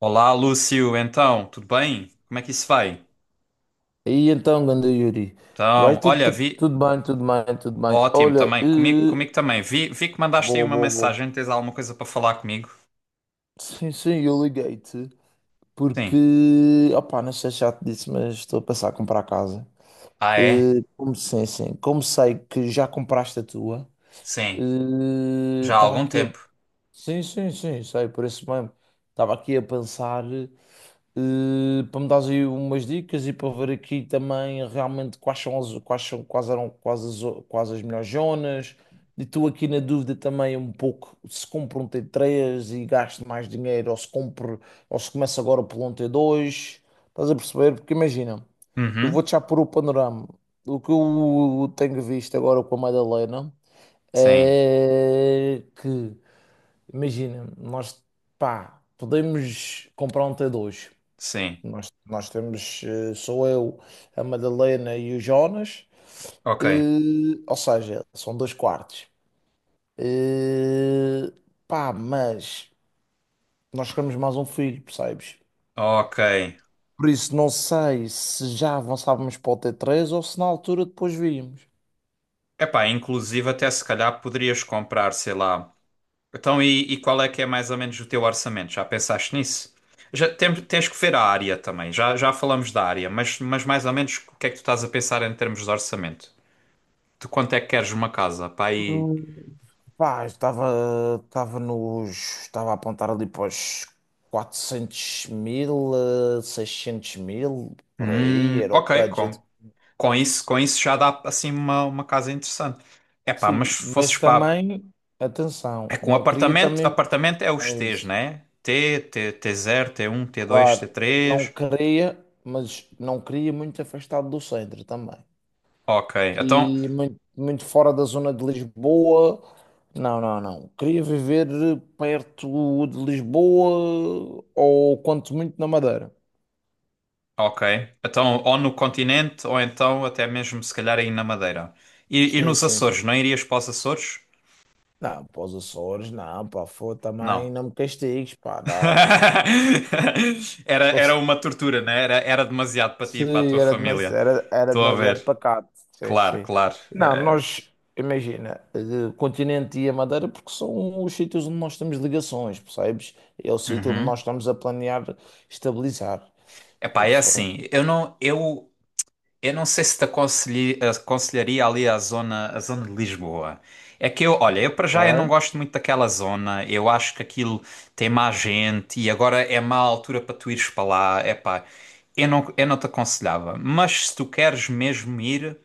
Olá, Lúcio, então, tudo bem? Como é que isso vai? E então, ganda Yuri, vai Então, tudo, olha, vi. tudo bem, tudo bem, tudo bem. Ótimo Olha, também, comigo, comigo também. Vi que mandaste aí boa, uma boa, boa. mensagem, tens alguma coisa para falar comigo? Sim, sim, eu liguei-te Sim. porque, opá, não sei se já te disse, mas estou a pensar em comprar casa. Ah, é? Como, sim, sim, como sei que já compraste a tua, Sim. Já há estava algum aqui a. tempo. Sim, sim, sim, sei, por isso mesmo. Estava aqui a pensar. Para me dares aí umas dicas e para ver aqui também realmente quais eram quais as, o- quais as melhores zonas. E estou aqui na dúvida também um pouco se compro um T3 e gasto mais dinheiro ou se compro ou se começo agora por um T2. Estás a perceber? Porque imagina, eu Uhum. vou-te já pôr o panorama. O que eu tenho visto agora com a Madalena Sim, é que, imagina, nós, pá, podemos comprar um T2. sim. Nós temos, sou eu, a Madalena e o Jonas, Ok, ou seja, são dois quartos. Eh, mas nós queremos mais um filho, percebes? ok. Por isso, não sei se já avançávamos para o T3 ou se na altura depois víamos. Epá, inclusive até se calhar poderias comprar, sei lá. Então, e qual é que é mais ou menos o teu orçamento? Já pensaste nisso? Já tens que ver a área também. Já falamos da área, mas mais ou menos o que é que tu estás a pensar em termos de orçamento? De quanto é que queres uma casa? Pá, aí. Hum, Pá, estava a apontar ali para os 400 mil, 600 mil, por aí, era o Ok, budget. com isso já dá assim uma casa interessante. É pá, mas Sim, se fosses mas pá. também, atenção, É com não queria apartamento, também, apartamento é os é T's, isso, né? T0, T1 T2 t claro, não três. queria, mas não queria muito afastado do centro também. Ok, então, E muito, muito fora da zona de Lisboa. Não, não, não. Queria viver perto de Lisboa ou quanto muito na Madeira. ok. Então, ou no continente, ou então até mesmo se calhar aí na Madeira. E Sim, nos sim, Açores, sim. não irias para os Açores? Não, para os Açores, não, pá, foi também, Não. não me castigues, pá, não, não, não, Era, não. era uma tortura, né? Era demasiado para ti e para a Sim, tua era família. demasiado, era Estou a demasiado ver. pacato. Sim, Claro, sim. claro. Não, nós, imagina, Continente e a Madeira, porque são os sítios onde nós temos ligações, percebes? É o sítio onde nós Uhum. estamos a planear estabilizar. Estás a Epá, é perceber? assim, eu não, eu. Eu não sei se te aconselharia ali a zona, de Lisboa. É que eu, olha, eu para Ok, já eu não gosto muito daquela zona. Eu acho que aquilo tem má gente e agora é má altura para tu ires para lá. Epá, eu não te aconselhava. Mas se tu queres mesmo ir,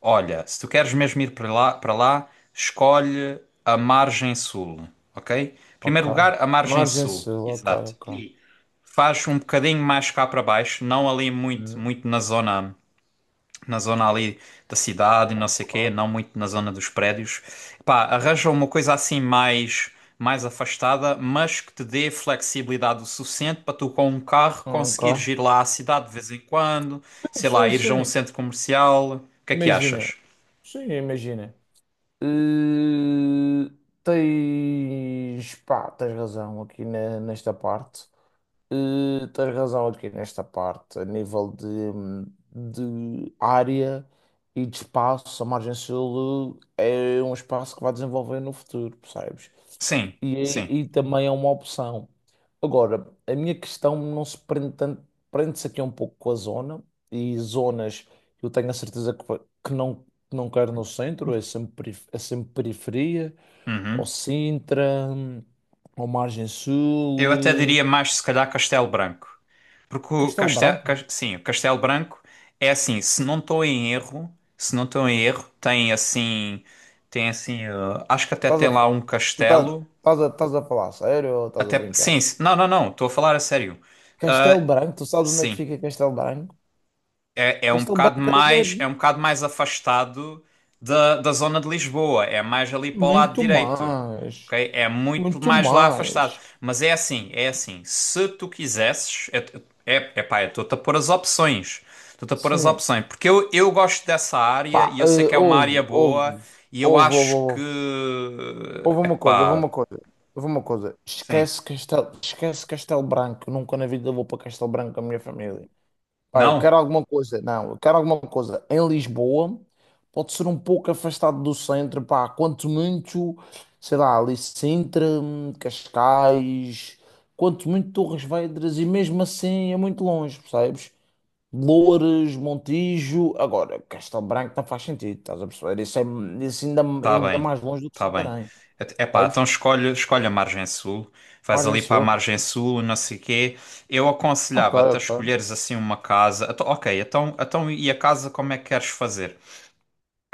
olha, se tu queres mesmo ir para lá, escolhe a margem sul, ok? ok. Primeiro lugar, a margem Margem sul. Sul, ok, Exato. ok. E faz um bocadinho mais cá para baixo, não ali muito, Hum, muito na zona ali da cidade, e não sei ok. quê, não muito na zona dos prédios. Pá, arranja uma coisa assim mais afastada, mas que te dê flexibilidade o suficiente para tu com um carro conseguires Ok. ir lá à cidade de vez em quando, sei lá, Sim, sim, ires a um sim. centro comercial. O que é que Imagina. achas? Sim, imagina. Eh, Tens, pá, tens razão aqui nesta parte. Tens razão aqui nesta parte, a nível de, área e de espaço, a margem sul é um espaço que vai desenvolver no futuro, percebes? Sim, E, é- sim. e também é uma opção. Agora, a minha questão não se prende tanto, prende-se aqui um pouco com a zona, e zonas eu tenho a certeza que, que não quero no centro, é sempre periferia, ou Uhum. Sintra, ou margem Eu até sul, diria mais, se calhar, Castelo Branco. Porque o Castelo Castelo, Branco. sim, o Castelo Branco é assim, se não estou em erro, se não estou em erro, tem assim, acho que até Estás tem a, fa- lá um castelo, estás a falar sério ou estás a até, brincar? sim, não, não, não, estou a falar a sério. Castelo Ah, Branco, tu sabes onde é que sim. fica Castelo Branco? É um Castelo bocado Branco é mais, é de- um bocado mais afastado da zona de Lisboa, é mais ali para o lado muito direito, mais, ok? É muito muito mais lá afastado. mais. Mas é assim, se tu quisesses, é pá, eu estou-te a pôr as opções, estou-te a pôr as Sim. opções, porque eu gosto dessa área Pá, e eu sei que é uma área hoje, boa e eu houve, houve, acho que, houve, houve é uma coisa, houve pá, uma coisa, houve uma coisa. sim, Esquece Castelo Branco, nunca na vida vou para Castelo Branco com a minha família. Pá, eu quero não? alguma coisa, não, eu quero alguma coisa em Lisboa, pode ser um pouco afastado do centro, pá, quanto muito, sei lá, ali Sintra, Cascais, quanto muito Torres Vedras, e mesmo assim é muito longe, percebes? Loures, Montijo, agora, Castelo Branco não faz sentido, estás a perceber? Isso é isso ainda, Tá ainda bem, mais longe do que tá bem. Santarém, Epá, percebes? então escolhe a margem sul, vais Margem ali para a Sul, margem sul, não sei quê. Eu ok, aconselhava-te a ok, escolheres assim uma casa. Então, ok, então e a casa como é que queres fazer?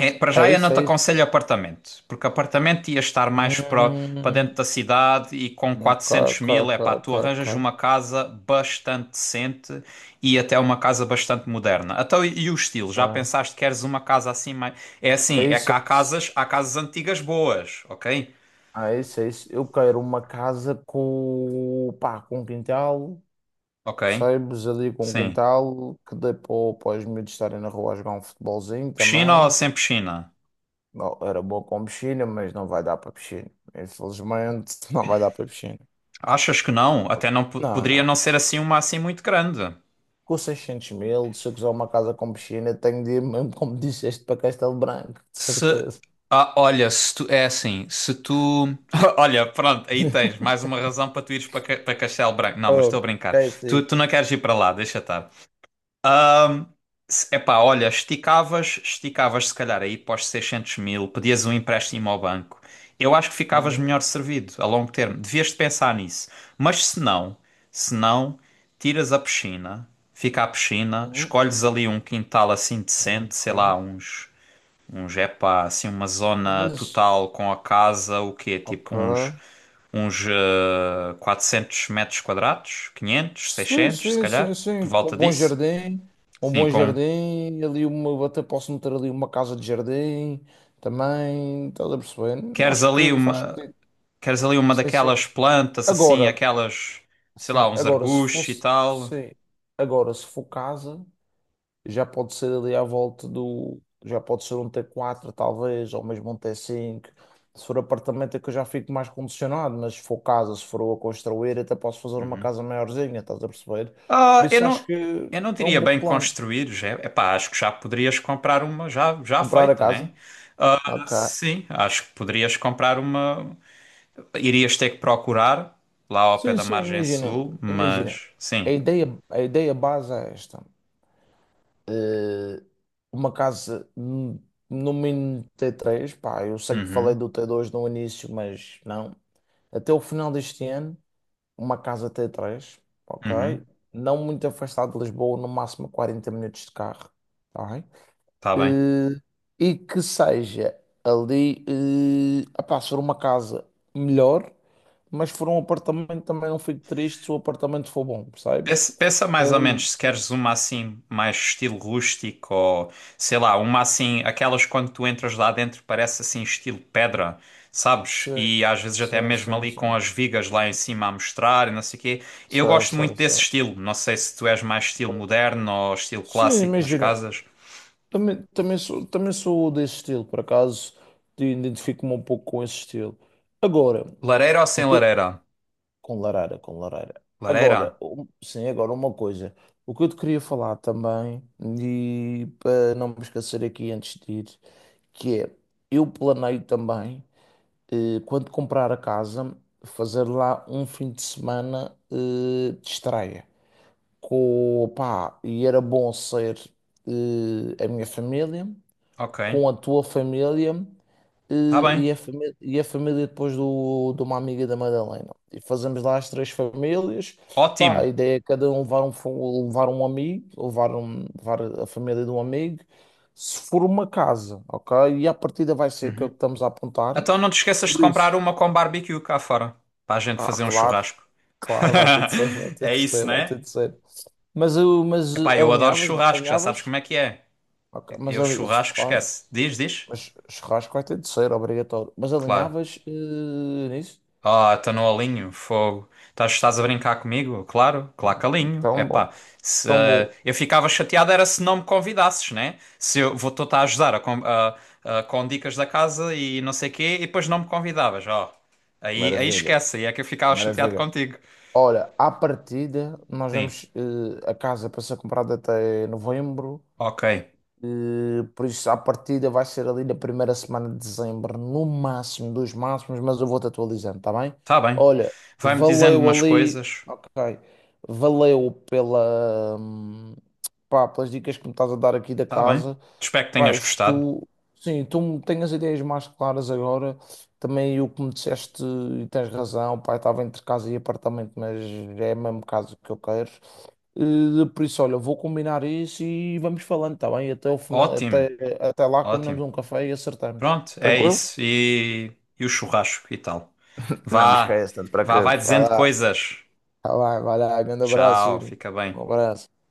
É, para já é eu isso, não te é isso. aconselho apartamento, porque apartamento ia estar mais para Hum, dentro da cidade e com ok, quatrocentos ok, mil, é pá, ok, tu ok, arranjas uma casa bastante decente e até uma casa bastante moderna. Então, e o estilo? Já ok. pensaste que queres uma casa assim mais... É É assim, é que isso, é há isso. casas, há casas antigas boas, ok? Ah, é isso, é isso. Eu quero uma casa com, pá, com um quintal, Ok, percebes? Ali com um sim. quintal que dê para os miúdos estarem na rua a jogar um futebolzinho Piscina ou também. sem piscina? Não, era boa com piscina, mas não vai dar para piscina. Infelizmente, não vai dar para piscina. Achas que não? Até não Não, poderia não. não ser assim uma assim muito grande. Com 600 mil, se eu quiser uma casa com piscina, tenho de ir mesmo, como disseste, para Castelo Branco, de Se. certeza. Ah, olha, se tu. É assim, se tu. Olha, pronto, aí tens mais uma razão para tu ires para Castelo Branco. Não, mas estou a Oh, brincar. é isso. Tu, Aí. tu não queres ir para lá, deixa estar. Epá, olha, esticavas se calhar aí para os 600 mil, pedias um empréstimo ao banco. Eu acho que ficavas Hum, melhor servido a longo termo. Devias de pensar nisso. Mas se não, tiras a piscina, fica a piscina, hum, escolhes ali um quintal assim decente, ok. sei lá, uns. Uns, é assim, uma zona Mas, total com a casa, o quê? Tipo uns, ok. uns eh, 400 metros quadrados, 500 Sim, 600 se sim, sim, calhar, por sim, com volta disso. Um Sim, bom com... jardim, até posso meter ali uma casa de jardim também, estás a perceber? Queres Acho ali que faz uma, sentido. queres ali uma Sim, sim. daquelas plantas, assim, Agora, aquelas, sei sim, lá, uns agora se arbustos e fosse, tal. sim, agora se for casa já pode ser ali à volta do. Já pode ser um T4 talvez, ou mesmo um T5. Se for apartamento é que eu já fico mais condicionado, mas se for casa, se for eu a construir, até posso fazer uma Uhum. casa maiorzinha, estás a perceber? Por Ah, eu isso acho não, que eu não é um diria bom bem plano. construídos, é, epá, acho que já poderias comprar uma já Comprar a feita, né? casa? Ah, Ok. sim, acho que poderias comprar uma. Irias ter que procurar lá ao pé Sim, da sim, margem imagina. sul, Imagina. mas A sim. ideia, a ideia base é esta. Eh, uma casa no mínimo T3, pá, eu sei que falei Uhum, do T2 no início, mas não. Até o final deste ano, uma casa T3, ok? uhum, Não muito afastado de Lisboa, no máximo 40 minutos de carro, tá bem? tá bem. Eh, E, que seja ali, apá, se for uma casa melhor, mas se for um apartamento também não fico triste se o apartamento for bom, percebes? Pensa É mais ou ali, menos se queres uma assim, mais estilo rústico ou sei lá, uma assim, aquelas quando tu entras lá dentro parece assim, estilo pedra, sabes? sim, E às vezes até sim, mesmo sim, ali com sim. as vigas lá em cima a mostrar e não sei o quê. Eu Sim, gosto muito sim, desse sim. estilo. Não sei se tu és mais estilo moderno ou estilo Sim, clássico nas imagina. casas. Também sou desse estilo, por acaso identifico-me um pouco com esse estilo. Agora, Lareira ou sem o que eu- lareira? com Larara, com Larara. Lareira? Agora, sim, agora uma coisa. O que eu te queria falar também, e para não me esquecer aqui antes de ir, que é, eu planeio também, quando comprar a casa, fazer lá um fim de semana, de estreia. Com, pá, e era bom ser, a minha família Ok, com a tua família tá e, bem. e a família depois de uma amiga da Madalena. E fazemos lá as três famílias. Pá, a Ótimo. ideia é cada um levar um, levar um amigo, levar a família de um amigo. Se for uma casa, ok? E a partida vai ser que é Uhum. o que estamos a apontar. Então não te esqueças de Por comprar isso. uma com barbecue cá fora, para a gente Ah, fazer um claro, churrasco. claro, vai ter de ser, vai ter É de ser, isso, vai né? ter de ser. Mas, eu- mas Epá, eh, eu adoro alinhavas, churrasco, já sabes como alinhavas? é que é. Ok, mas Eu ali, isso, churrasco, claro. esquece. Diz, diz. Mas churrasco vai ter de ser, obrigatório. Mas Claro. alinhavas nisso? Ah, tá no alinho, fogo. Estás a brincar comigo? Claro, claro que alinho. Tão bom, Epá, se, tão bom. Eu ficava chateado era se não me convidasses, né? Se eu vou estar a ajudar a com dicas da casa e não sei o quê, e depois não me convidavas, ó. Aí Maravilha, esquece, aí é que eu ficava chateado maravilha. contigo. Olha, à partida, nós Sim, vamos, a casa para ser comprada até novembro. ok, Por isso, à partida, vai ser ali na primeira semana de dezembro, no máximo, dos máximos, mas eu vou-te atualizando, tá bem? tá bem. Olha, Vai-me dizendo valeu umas ali. coisas, Ok. Valeu pá, pelas dicas que me estás a dar aqui da tá bem. casa. Espero que Pá, tenhas gostado. isto, sim, tu tens as ideias mais claras agora. Também o que me disseste, e tens razão, pá, eu estava entre casa e apartamento, mas é o mesmo caso que eu quero. Por isso, olha, vou combinar isso e vamos falando, tá bem? Até o final, Ótimo, até lá combinamos ótimo. um café e acertamos. Pronto, é Tranquilo? isso. E o churrasco e tal. Não me Vá, esquece, tanto para vá, vai preocupes. Vai dizendo lá, coisas. tá bem, vai lá. Grande abraço, Tchau, Yuri. fica Um bem. abraço.